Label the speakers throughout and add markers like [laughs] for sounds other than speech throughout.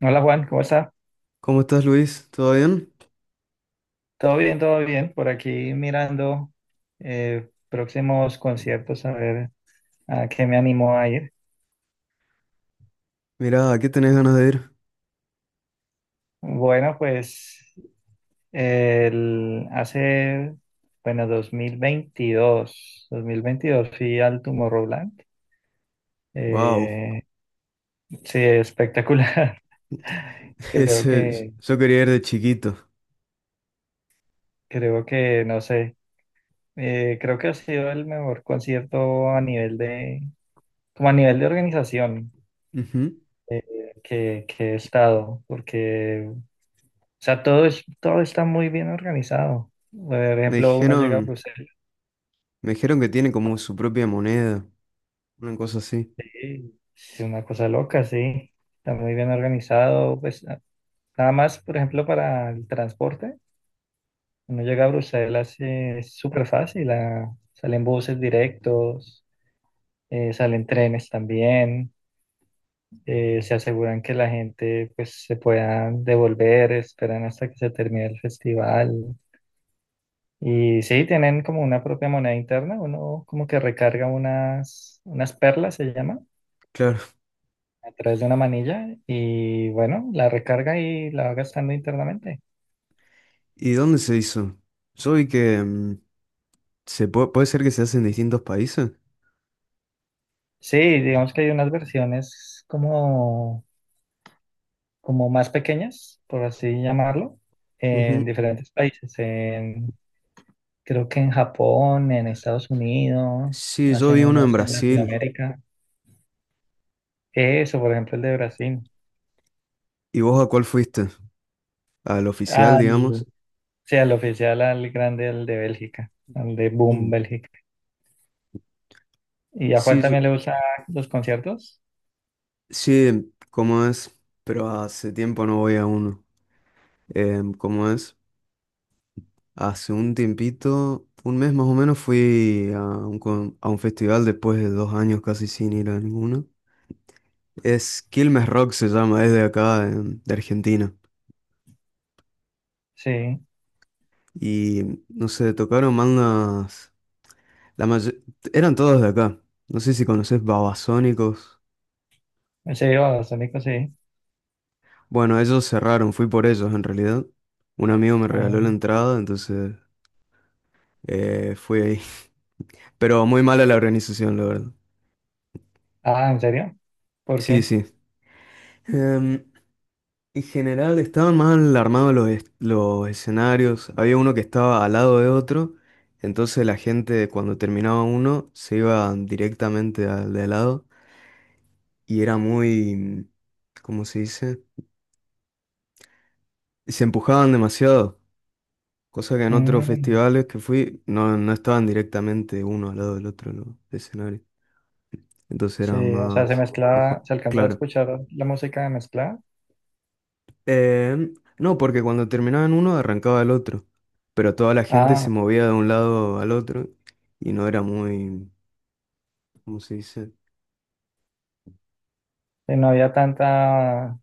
Speaker 1: Hola Juan, ¿cómo está?
Speaker 2: ¿Cómo estás, Luis? ¿Todo bien?
Speaker 1: Todo bien, todo bien. Por aquí mirando próximos conciertos a ver a qué me animo a ir.
Speaker 2: Mira, ¿a qué tenés ganas de ir?
Speaker 1: Bueno, pues el, hace, bueno, 2022 fui al Tomorrowland.
Speaker 2: Wow.
Speaker 1: Eh, sí, espectacular. [laughs]
Speaker 2: [laughs]
Speaker 1: Creo
Speaker 2: Ese,
Speaker 1: que,
Speaker 2: yo quería ir de chiquito.
Speaker 1: creo que, no sé, creo que ha sido el mejor concierto a nivel de, como a nivel de organización.
Speaker 2: Ujú.
Speaker 1: Que he estado, porque, o sea, todo está muy bien organizado. Por
Speaker 2: Me
Speaker 1: ejemplo, uno llega a
Speaker 2: dijeron,
Speaker 1: Bruselas
Speaker 2: me dijeron que tiene como su propia moneda, una cosa así.
Speaker 1: y es una cosa loca, sí, está muy bien organizado. Pues nada más, por ejemplo, para el transporte, uno llega a Bruselas, es súper fácil. Ah, salen buses directos, salen trenes también. Se aseguran que la gente pues se pueda devolver, esperan hasta que se termine el festival. Y sí, tienen como una propia moneda interna, uno como que recarga unas perlas, se llama,
Speaker 2: Claro.
Speaker 1: a través de una manilla y bueno, la recarga y la va gastando internamente.
Speaker 2: ¿Y dónde se hizo? Yo vi que puede ser que se hace en distintos países.
Speaker 1: Sí, digamos que hay unas versiones como, como más pequeñas, por así llamarlo, en
Speaker 2: Ujú.
Speaker 1: diferentes países. Creo que en Japón, en Estados Unidos,
Speaker 2: Sí, yo
Speaker 1: hacen
Speaker 2: vi uno en
Speaker 1: unos en
Speaker 2: Brasil.
Speaker 1: Latinoamérica. Eso, por ejemplo, el de Brasil.
Speaker 2: ¿Y vos a cuál fuiste? Al oficial,
Speaker 1: Al-
Speaker 2: digamos.
Speaker 1: Sí, al oficial, al grande, al de Bélgica, al de Boom
Speaker 2: Mm.
Speaker 1: Bélgica. ¿Y a Juan
Speaker 2: Sí,
Speaker 1: también
Speaker 2: yo-
Speaker 1: le gustan los conciertos?
Speaker 2: sí, ¿cómo es? Pero hace tiempo no voy a uno. ¿Cómo es? Hace un tiempito, un mes más o menos, fui a un festival después de 2 años casi sin ir a ninguno. Es Quilmes Rock se llama, es de acá, de Argentina.
Speaker 1: Sí,
Speaker 2: Y no sé, tocaron bandas, la mayo- eran todos de acá. No sé si conoces Babasónicos.
Speaker 1: sí, a los Sónicos sí.
Speaker 2: Bueno, ellos cerraron, fui por ellos en realidad. Un amigo me regaló la
Speaker 1: Ah,
Speaker 2: entrada, entonces fui ahí. [laughs] Pero muy mala la organización, la verdad.
Speaker 1: ah, ¿en serio? ¿Por
Speaker 2: Sí,
Speaker 1: qué?
Speaker 2: sí. En general estaban mal armados los escenarios. Había uno que estaba al lado de otro, entonces la gente cuando terminaba uno se iba directamente al de al lado y era muy, ¿cómo se dice? Se empujaban demasiado, cosa que en otros
Speaker 1: Mm,
Speaker 2: festivales que fui no estaban directamente uno al lado del otro los escenarios, entonces era
Speaker 1: sí, o sea, se
Speaker 2: más
Speaker 1: mezclaba,
Speaker 2: mejor,
Speaker 1: se alcanzaba a
Speaker 2: claro.
Speaker 1: escuchar la música mezclada.
Speaker 2: Eh, no, porque cuando terminaban uno arrancaba el otro, pero toda la gente se
Speaker 1: Ah,
Speaker 2: movía de un lado al otro y no era muy, ¿cómo se dice?
Speaker 1: sí, no había tanta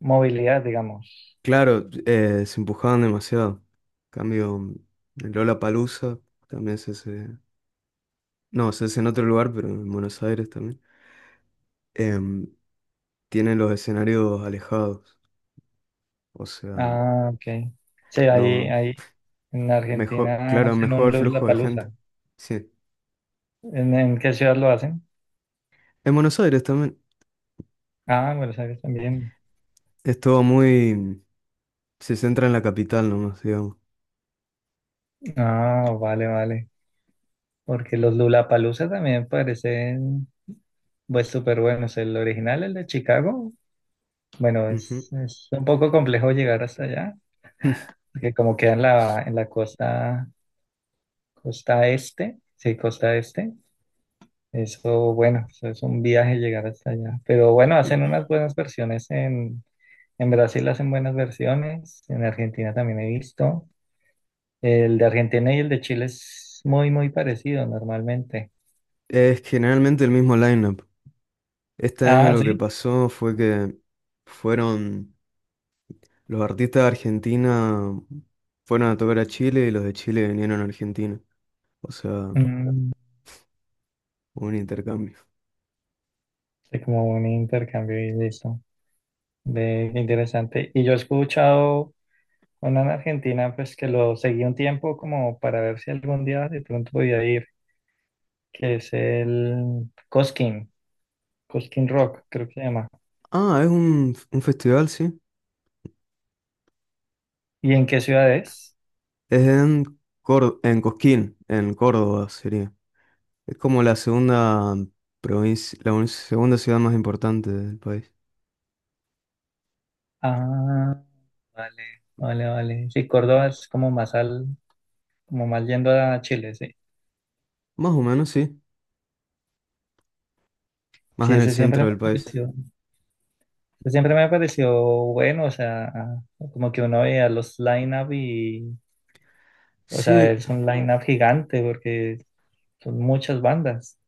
Speaker 1: movilidad, digamos.
Speaker 2: Claro, se empujaban demasiado. En cambio, el Palusa también se hace, no, se hace en otro lugar, pero en Buenos Aires también. Em, Tiene los escenarios alejados, o sea,
Speaker 1: Ah, ok. Sí,
Speaker 2: no,
Speaker 1: ahí en
Speaker 2: mejor,
Speaker 1: Argentina
Speaker 2: claro,
Speaker 1: hacen un
Speaker 2: mejor flujo de gente.
Speaker 1: Lollapalooza.
Speaker 2: Sí,
Speaker 1: En qué ciudad lo hacen?
Speaker 2: en Buenos Aires también.
Speaker 1: Ah, en Buenos Aires también.
Speaker 2: Es todo muy, se centra en la capital nomás, digamos.
Speaker 1: Ah, vale, vale. Porque los Lollapalooza también parecen pues súper buenos. El original, el de Chicago, bueno,
Speaker 2: Ujú.
Speaker 1: es un poco complejo llegar hasta allá, porque como queda en la costa, costa este, sí, costa este, eso, bueno, eso es un viaje llegar hasta allá. Pero bueno, hacen unas
Speaker 2: [laughs]
Speaker 1: buenas versiones en Brasil, hacen buenas versiones, en Argentina también he visto. El de Argentina y el de Chile es muy, muy parecido normalmente.
Speaker 2: Es generalmente el mismo lineup. Este año
Speaker 1: Ah,
Speaker 2: lo que
Speaker 1: sí.
Speaker 2: pasó fue que fueron los artistas de Argentina, fueron a tocar a Chile y los de Chile vinieron a Argentina. O sea,
Speaker 1: Mm.
Speaker 2: un intercambio.
Speaker 1: Sí, como un intercambio y listo. Ve, qué interesante. Y yo he escuchado una en Argentina, pues que lo seguí un tiempo como para ver si algún día de pronto podía ir, que es el Cosquín, Cosquín Rock, creo que se llama.
Speaker 2: Ah, es un festival, sí.
Speaker 1: ¿Y en qué ciudad es?
Speaker 2: Es en en Cosquín, en Córdoba sería. Es como la segunda provincia, segunda ciudad más importante del país.
Speaker 1: Ah, vale, vale, vale. Sí, Córdoba es como más al, como más yendo a Chile, sí.
Speaker 2: Más o menos, sí. Más
Speaker 1: Sí,
Speaker 2: en el
Speaker 1: ese siempre
Speaker 2: centro
Speaker 1: me
Speaker 2: del país.
Speaker 1: pareció, ese siempre me pareció bueno, o sea, como que uno veía los line-up y o sea,
Speaker 2: Sí,
Speaker 1: es un uf, line-up gigante porque son muchas bandas.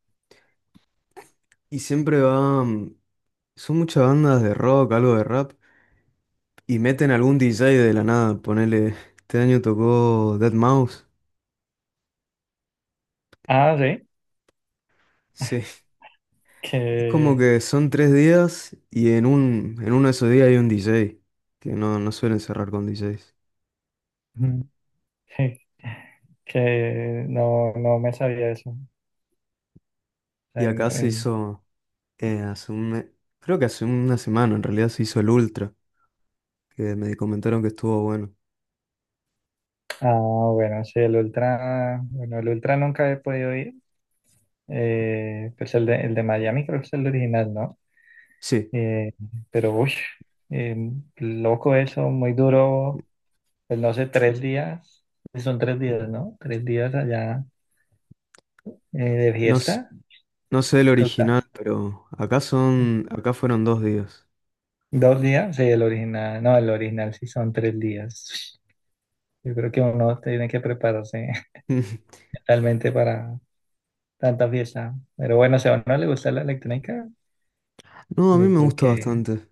Speaker 2: y siempre va. Son muchas bandas de rock, algo de rap, y meten algún DJ de la nada, ponele, este año tocó Dead Mouse.
Speaker 1: Ah, sí,
Speaker 2: Sí, es como
Speaker 1: que,
Speaker 2: que son 3 días y en uno de esos días hay un DJ, que no suelen cerrar con DJs.
Speaker 1: ujú, [laughs] que no me sabía eso.
Speaker 2: Y
Speaker 1: En-
Speaker 2: acá se
Speaker 1: en-
Speaker 2: hizo, eh, hace un, me- creo que hace una semana en realidad se hizo el Ultra, que me comentaron que estuvo bueno.
Speaker 1: ah, bueno, sí, el Ultra, bueno, el Ultra nunca he podido ir. Pues el de Miami creo que es el original, ¿no?
Speaker 2: Sí,
Speaker 1: Eh, pero, uy, eh, loco eso, muy duro. Pues no sé, tres días, son tres días, ¿no? Tres días allá, de
Speaker 2: no,
Speaker 1: fiesta.
Speaker 2: no sé el
Speaker 1: Toca.
Speaker 2: original, pero acá fueron 2 días.
Speaker 1: Dos días, sí, el original, no, el original sí son tres días. Yo creo que uno tiene que prepararse
Speaker 2: [laughs]
Speaker 1: [laughs] realmente para tanta fiesta. Pero bueno, si a uno le gusta la electrónica,
Speaker 2: No, a mí
Speaker 1: yo
Speaker 2: me
Speaker 1: creo
Speaker 2: gusta
Speaker 1: que
Speaker 2: bastante.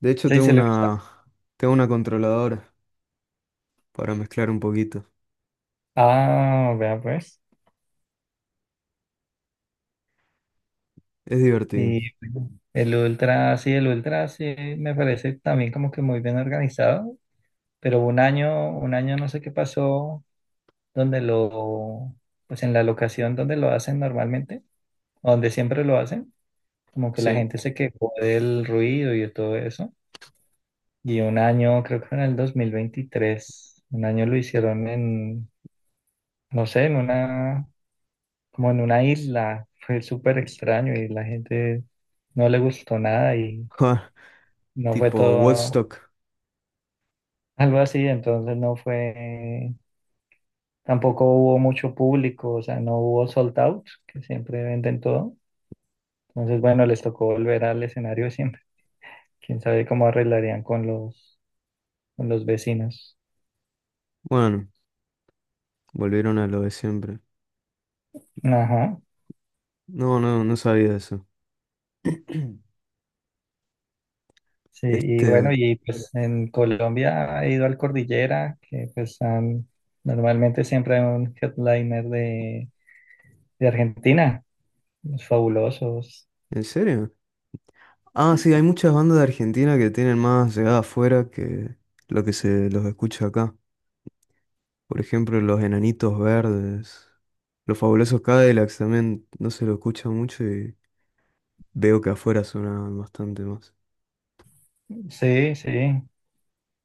Speaker 2: De hecho,
Speaker 1: sí,
Speaker 2: tengo
Speaker 1: se le gusta.
Speaker 2: una, tengo una controladora para mezclar un poquito.
Speaker 1: Ah, vea pues.
Speaker 2: Es divertido.
Speaker 1: Y el Ultra sí me parece también como que muy bien organizado, pero un año no sé qué pasó, donde lo, pues en la locación donde lo hacen normalmente, donde siempre lo hacen. Como que la
Speaker 2: Sí. [laughs]
Speaker 1: gente se quejó del ruido y de todo eso. Y un año, creo que fue en el 2023, un año lo hicieron en, no sé, en una, como en una isla. Fue súper extraño y la gente no le gustó nada, y
Speaker 2: Ja,
Speaker 1: no fue
Speaker 2: tipo
Speaker 1: todo
Speaker 2: Woodstock.
Speaker 1: algo así. Entonces no fue, tampoco hubo mucho público, o sea, no hubo sold out, que siempre venden todo. Entonces, bueno, les tocó volver al escenario siempre. Quién sabe cómo arreglarían con los vecinos.
Speaker 2: Bueno, volvieron a lo de siempre.
Speaker 1: Ajá.
Speaker 2: No, no, no sabía eso. [clears throat]
Speaker 1: Sí, y bueno,
Speaker 2: Este,
Speaker 1: y pues en Colombia he ido al Cordillera, normalmente siempre hay un headliner de Argentina, los Fabulosos.
Speaker 2: ¿en serio? Ah, sí, hay muchas bandas de Argentina que tienen más llegada afuera que lo que se los escucha acá. Por ejemplo, los Enanitos Verdes. Los Fabulosos Cadillacs también no se lo escucha mucho y veo que afuera suena bastante más.
Speaker 1: Sí, sí,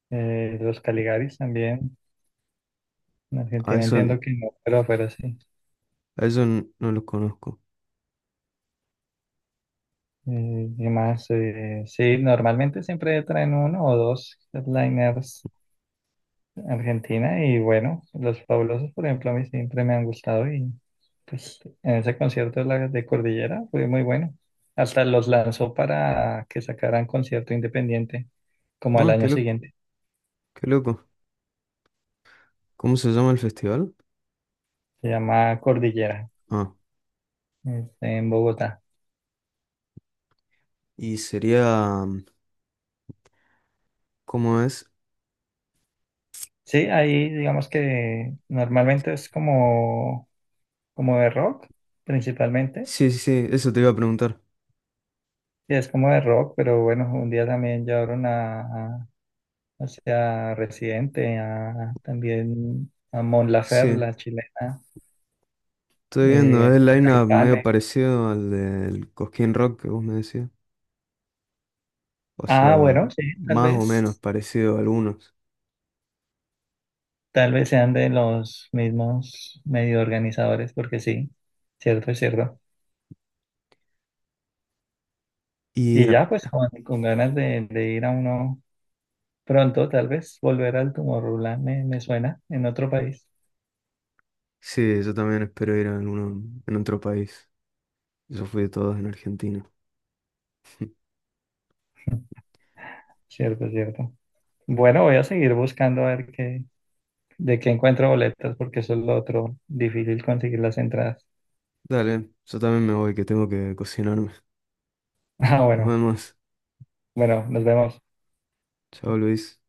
Speaker 1: los Caligaris también. En
Speaker 2: A
Speaker 1: Argentina
Speaker 2: eso
Speaker 1: entiendo que no, pero sí.
Speaker 2: No lo conozco.
Speaker 1: Y más, sí, normalmente siempre traen uno o dos headliners Argentina y bueno, los Fabulosos, por ejemplo, a mí siempre me han gustado, y pues en ese concierto de, de Cordillera fue muy bueno. Hasta los lanzó para que sacaran concierto independiente como al
Speaker 2: No, qué
Speaker 1: año
Speaker 2: loco,
Speaker 1: siguiente.
Speaker 2: qué loco. ¿Cómo se llama el festival?
Speaker 1: Se llama Cordillera,
Speaker 2: Ah,
Speaker 1: es en Bogotá.
Speaker 2: y sería, ¿cómo es?
Speaker 1: Sí, ahí digamos que normalmente es como, como de rock, principalmente.
Speaker 2: Sí, sí, sí, eso te iba a preguntar.
Speaker 1: Sí, es como de rock, pero bueno, un día también llevaron a, hacia Residente, también a Mon Laferte,
Speaker 2: Sí,
Speaker 1: la chilena,
Speaker 2: estoy viendo,
Speaker 1: eh,
Speaker 2: es el line-up medio
Speaker 1: Caifanes.
Speaker 2: parecido al del Cosquín Rock que vos me decías. O
Speaker 1: Ah,
Speaker 2: sea,
Speaker 1: bueno, sí,
Speaker 2: más o menos parecido a algunos.
Speaker 1: tal vez sean de los mismos medio organizadores, porque sí, cierto, es cierto.
Speaker 2: Y
Speaker 1: Y ya, pues, con ganas de ir a uno pronto, tal vez, volver al Tomorrowland me suena en otro país.
Speaker 2: sí, yo también espero ir a alguno en otro país. Yo fui de todos en Argentina.
Speaker 1: Cierto, cierto. Bueno, voy a seguir buscando a ver qué, de qué encuentro boletas, porque eso es lo otro, difícil conseguir las entradas.
Speaker 2: Dale, yo también me voy que tengo que cocinarme.
Speaker 1: [laughs] Ah,
Speaker 2: Nos
Speaker 1: bueno.
Speaker 2: vemos.
Speaker 1: Bueno, nos vemos.
Speaker 2: Chao, Luis.